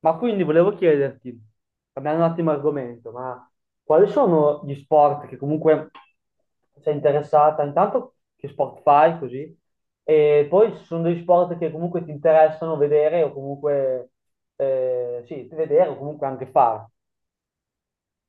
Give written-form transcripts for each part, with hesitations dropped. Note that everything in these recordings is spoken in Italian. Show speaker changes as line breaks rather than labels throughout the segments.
Ma quindi volevo chiederti, cambiando un attimo argomento, ma quali sono gli sport che comunque sei interessata? Intanto che sport fai così? E poi ci sono degli sport che comunque ti interessano vedere o comunque sì, vedere o comunque anche fare.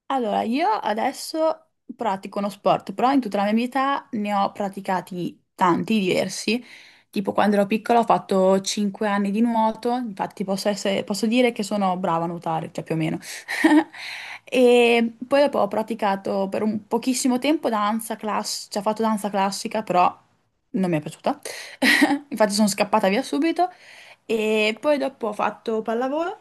Allora, io adesso pratico uno sport, però in tutta la mia vita ne ho praticati tanti, diversi. Tipo quando ero piccola ho fatto 5 anni di nuoto, infatti posso dire che sono brava a nuotare, cioè più o meno. E poi dopo ho praticato per un pochissimo tempo danza classica, cioè ho fatto danza classica, però non mi è piaciuta. Infatti sono scappata via subito. E poi dopo ho fatto pallavolo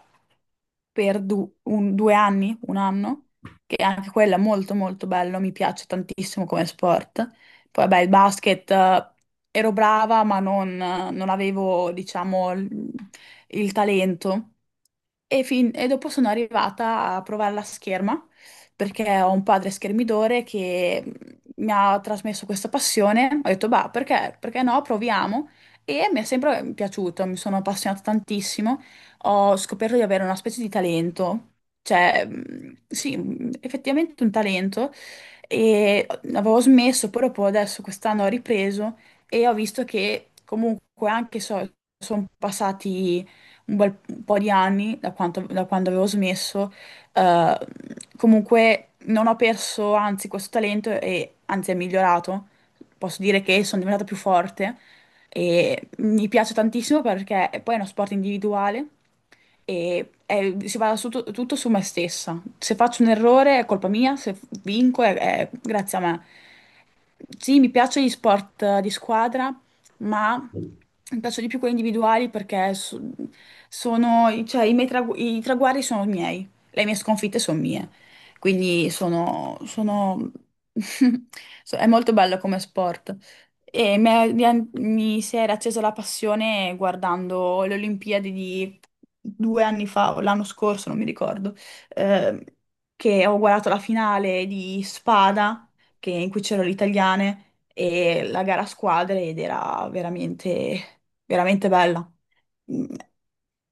per 2 anni, un anno, che anche quella è molto molto bello, mi piace tantissimo come sport. Poi vabbè, il basket, ero brava, ma non avevo, diciamo, il talento. E dopo sono arrivata a provare la scherma perché ho un padre schermidore che mi ha trasmesso questa passione. Ho detto, bah, perché no? Proviamo. E mi è sempre piaciuto, mi sono appassionata tantissimo. Ho scoperto di avere una specie di talento, cioè, sì, effettivamente un talento. E avevo smesso, poi dopo adesso quest'anno ho ripreso e ho visto che comunque anche so, sono passati un bel po' di anni, da quando avevo smesso, eh, comunque non ho perso, anzi, questo talento e anzi è migliorato. Posso dire che sono diventata più forte e mi piace tantissimo perché poi è uno sport individuale e si basa su tutto su me stessa. Se faccio un errore è colpa mia, se vinco è grazie a me. Sì, mi piacciono gli sport, di squadra, ma mi piacciono di più quelli individuali perché sono, cioè, i miei i traguardi sono miei, le mie sconfitte sono mie, quindi è molto bello come sport. E mi si era accesa la passione guardando le Olimpiadi di 2 anni fa o l'anno scorso, non mi ricordo, ehm, che ho guardato la finale di Spada, in cui c'erano le italiane e la gara a squadre ed era veramente, veramente bella. Mm.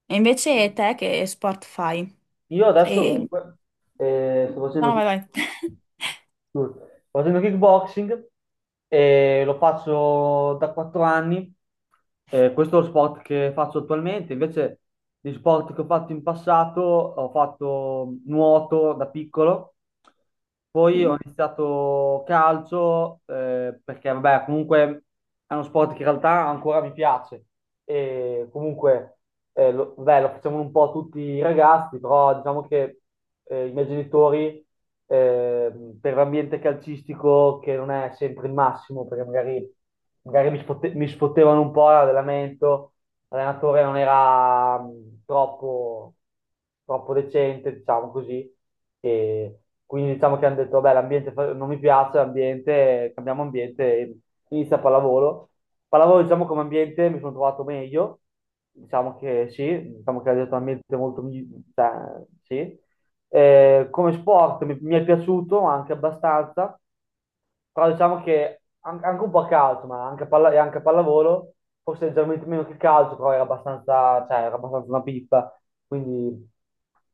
E invece te che sport fai?
Io adesso
E.
comunque sto
No, no, vai, vai.
Sto Facendo kickboxing e lo faccio da 4 anni. Questo è lo sport che faccio attualmente. Invece, gli sport che ho fatto in passato, ho fatto nuoto da piccolo, poi ho
Sì.
iniziato calcio, perché vabbè, comunque è uno sport che in realtà ancora mi piace. E comunque vabbè, lo facciamo un po' tutti i ragazzi, però diciamo che i miei genitori per l'ambiente calcistico che non è sempre il massimo, perché magari, mi sfottevano un po' l'allenamento, l'allenatore non era troppo, troppo decente, diciamo così, e quindi diciamo che hanno detto, vabbè, non mi piace, l'ambiente, cambiamo ambiente, e inizia pallavolo. Pallavolo, diciamo, come ambiente mi sono trovato meglio, diciamo che sì, diciamo che ha detto un ambiente molto, cioè, sì, mi è piaciuto anche abbastanza, però diciamo che anche un po' a calcio, ma e anche a pallavolo, forse leggermente meno che il calcio, però era abbastanza, cioè, era abbastanza una pippa. Quindi,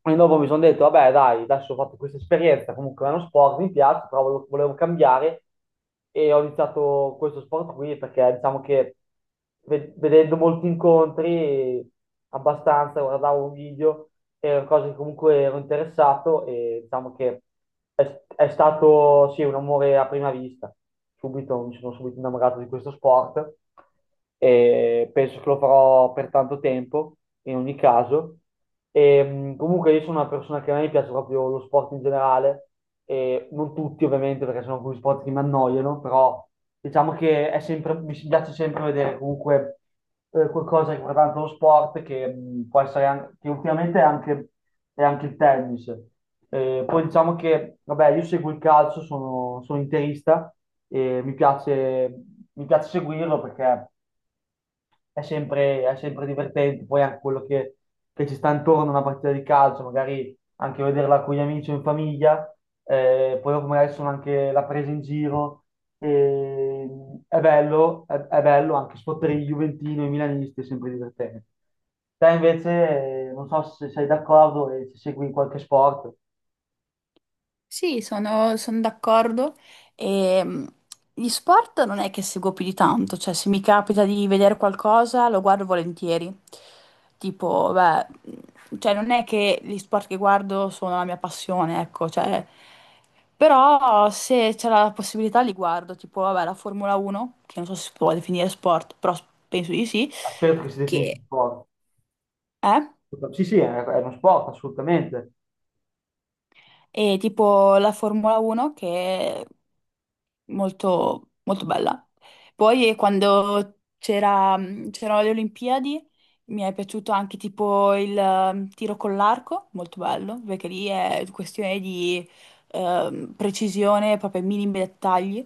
e dopo mi sono detto, vabbè, dai, adesso ho fatto questa esperienza, comunque è uno sport, mi piace, però volevo cambiare e ho iniziato questo sport qui perché diciamo che vedendo molti incontri, abbastanza, guardavo un video, erano cose che comunque ero interessato e diciamo che è stato sì, un amore a prima vista. Subito, mi sono subito innamorato di questo sport e penso che lo farò per tanto tempo, in ogni caso. Comunque io sono una persona che a me piace proprio lo sport in generale, e non tutti ovviamente perché sono alcuni sport che mi annoiano, però diciamo che è sempre, mi piace sempre vedere comunque qualcosa riguardante lo sport che può essere che ultimamente è anche il tennis. Poi diciamo che, vabbè, io seguo il calcio, sono interista e mi piace seguirlo perché è sempre divertente. Poi anche che ci sta intorno a una partita di calcio, magari anche vederla con gli amici o in famiglia, poi dopo magari sono anche la presa in giro. E, è bello anche sfottere i Juventino e i Milanisti, è sempre divertente. Te invece, non so se sei d'accordo e se segui in qualche sport,
Sì, sono d'accordo. E, gli sport non è che seguo più di tanto, cioè se mi capita di vedere qualcosa lo guardo volentieri. Tipo, beh, cioè non è che gli sport che guardo sono la mia passione, ecco, cioè, però se c'è la possibilità li guardo, tipo, vabbè, la Formula 1, che non so se si può definire sport, però penso di sì,
a quello che si definisce
che
sport.
è,
Sì, sì, è uno sport, assolutamente.
e tipo la Formula 1 che molto, molto bella. Poi, quando c'erano le Olimpiadi, mi è piaciuto anche tipo il tiro con l'arco, molto bello, perché lì è questione di precisione, proprio ai minimi dettagli.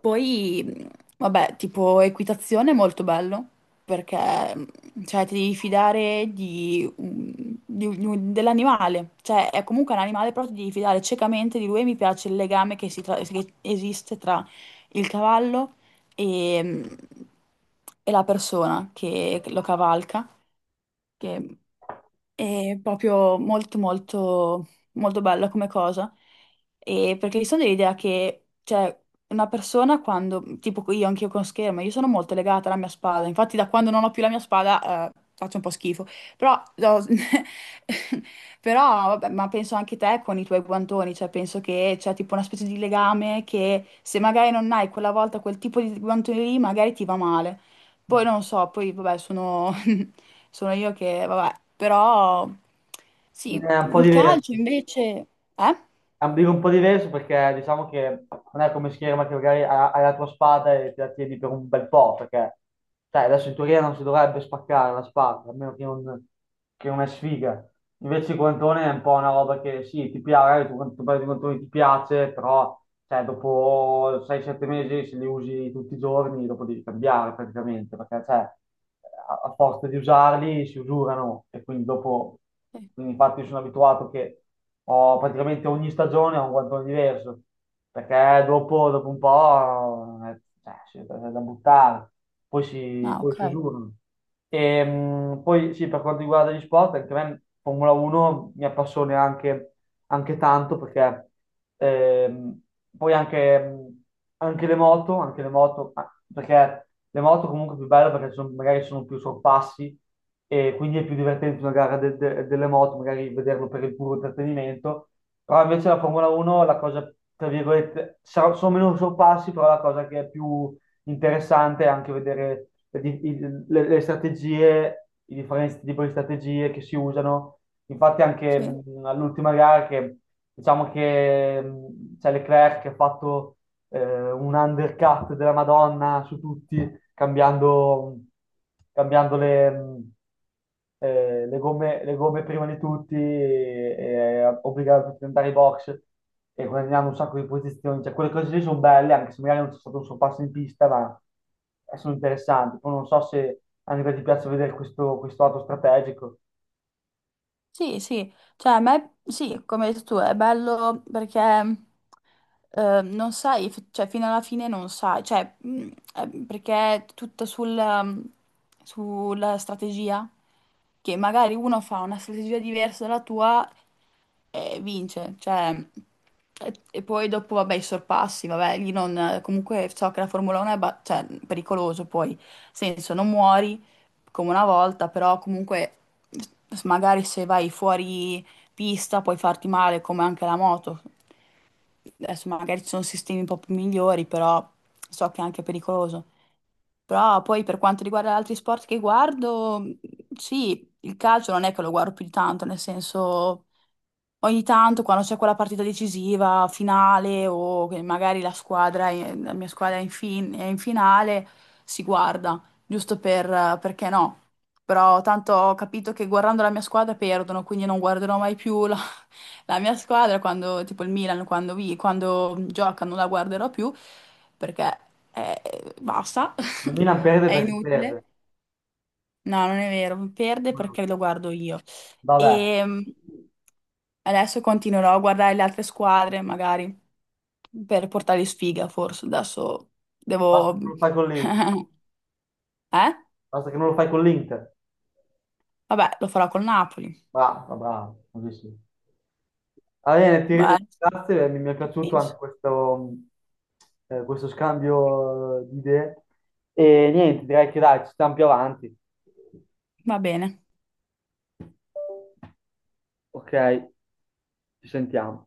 Poi, vabbè, tipo equitazione, molto bello perché cioè, ti devi fidare dell'animale, cioè è comunque un animale, però ti devi fidare ciecamente di lui e mi piace il legame che, che esiste tra il cavallo e, mh, e la persona che lo cavalca, che è proprio molto molto molto bella come cosa, e perché sono dell'idea che cioè, una persona quando, tipo io, anch'io con schermo, io sono molto legata alla mia spada, infatti da quando non ho più la mia spada, faccio un po' schifo, però, no, però vabbè, ma penso anche te con i tuoi guantoni, cioè penso che c'è tipo una specie di legame che se magari non hai quella volta quel tipo di guantoni lì magari ti va male, poi non so, poi vabbè sono, sono io che vabbè, però sì,
È un po'
il
diverso.
calcio invece. Eh?
Ambire un po' diverso perché diciamo che non è come scherma che magari hai la tua spada e te la tieni per un bel po', perché sai, adesso in teoria non si dovrebbe spaccare la spada, a meno che non è sfiga. Invece il guantone è un po' una roba che sì, ti piace, magari tu quando tu prendi i guantoni ti piace, però cioè, dopo 6-7 mesi se li usi tutti i giorni, dopo devi cambiare praticamente, perché cioè, a forza di usarli si usurano e quindi dopo,
Sì.
quindi infatti io sono abituato che ho praticamente ogni stagione ho un guantone diverso, perché dopo un po' cioè, sì, è da buttare,
Ah,
poi si
ok.
usurano. Poi sì, per quanto riguarda gli sport, anche a me Formula 1 mi appassiona anche tanto perché ehm, poi anche, anche le moto, ah, perché le moto comunque è più belle perché magari sono più sorpassi e quindi è più divertente una gara delle moto, magari vederlo per il puro intrattenimento, però invece la Formula 1 la cosa, tra virgolette, sono meno sorpassi, però la cosa che è più interessante anche vedere le strategie, i differenti tipi di strategie che si usano. Infatti anche
Sì.
all'ultima gara che diciamo che c'è Leclerc che ha fatto un undercut della Madonna su tutti cambiando, cambiando le gomme prima di tutti, e obbligando tutti ad andare in box e guadagnando un sacco di posizioni. Cioè, quelle cose lì sono belle, anche se magari non c'è stato un sorpasso in pista, ma sono interessanti. Poi non so se a livello ti piace vedere questo lato strategico.
Sì, sì, cioè a me sì, come hai detto tu, è bello perché, non sai, cioè fino alla fine non sai, cioè perché è tutto mm, sulla strategia, che magari uno fa una strategia diversa dalla tua e vince, cioè e poi dopo vabbè i sorpassi, vabbè lì non, comunque so che la Formula 1 è cioè, pericoloso poi, nel senso non muori come una volta, però comunque magari se vai fuori pista puoi farti male come anche la moto. Adesso magari ci sono sistemi un po' più migliori, però so che è anche pericoloso. Però poi per quanto riguarda gli altri sport che guardo, sì, il calcio non è che lo guardo più di tanto, nel senso ogni tanto quando c'è quella partita decisiva, finale o che magari la squadra, la mia squadra è in finale, si guarda, giusto per, perché no. Però tanto ho capito che guardando la mia squadra perdono, quindi non guarderò mai più la, la mia squadra quando, tipo il Milan, quando, quando gioca non la guarderò più perché, basta,
La Milan perde
è
perché
inutile.
perde.
No, non è vero, perde
Mm.
perché lo guardo io.
Vabbè,
E adesso continuerò a guardare le altre squadre, magari per portargli sfiga, forse. Adesso
basta
devo.
che non lo fai con l'Inter.
Eh?
Basta che non lo fai con l'Inter.
Vabbè, lo farò col Napoli.
Bravo, bravo, così sì. Va bene, ti
Vai,
ringrazio, mi è
ci
piaciuto
penso.
anche questo, questo scambio di idee. E niente, direi che dai, ci stiamo più avanti.
Va bene.
Ok, ci sentiamo.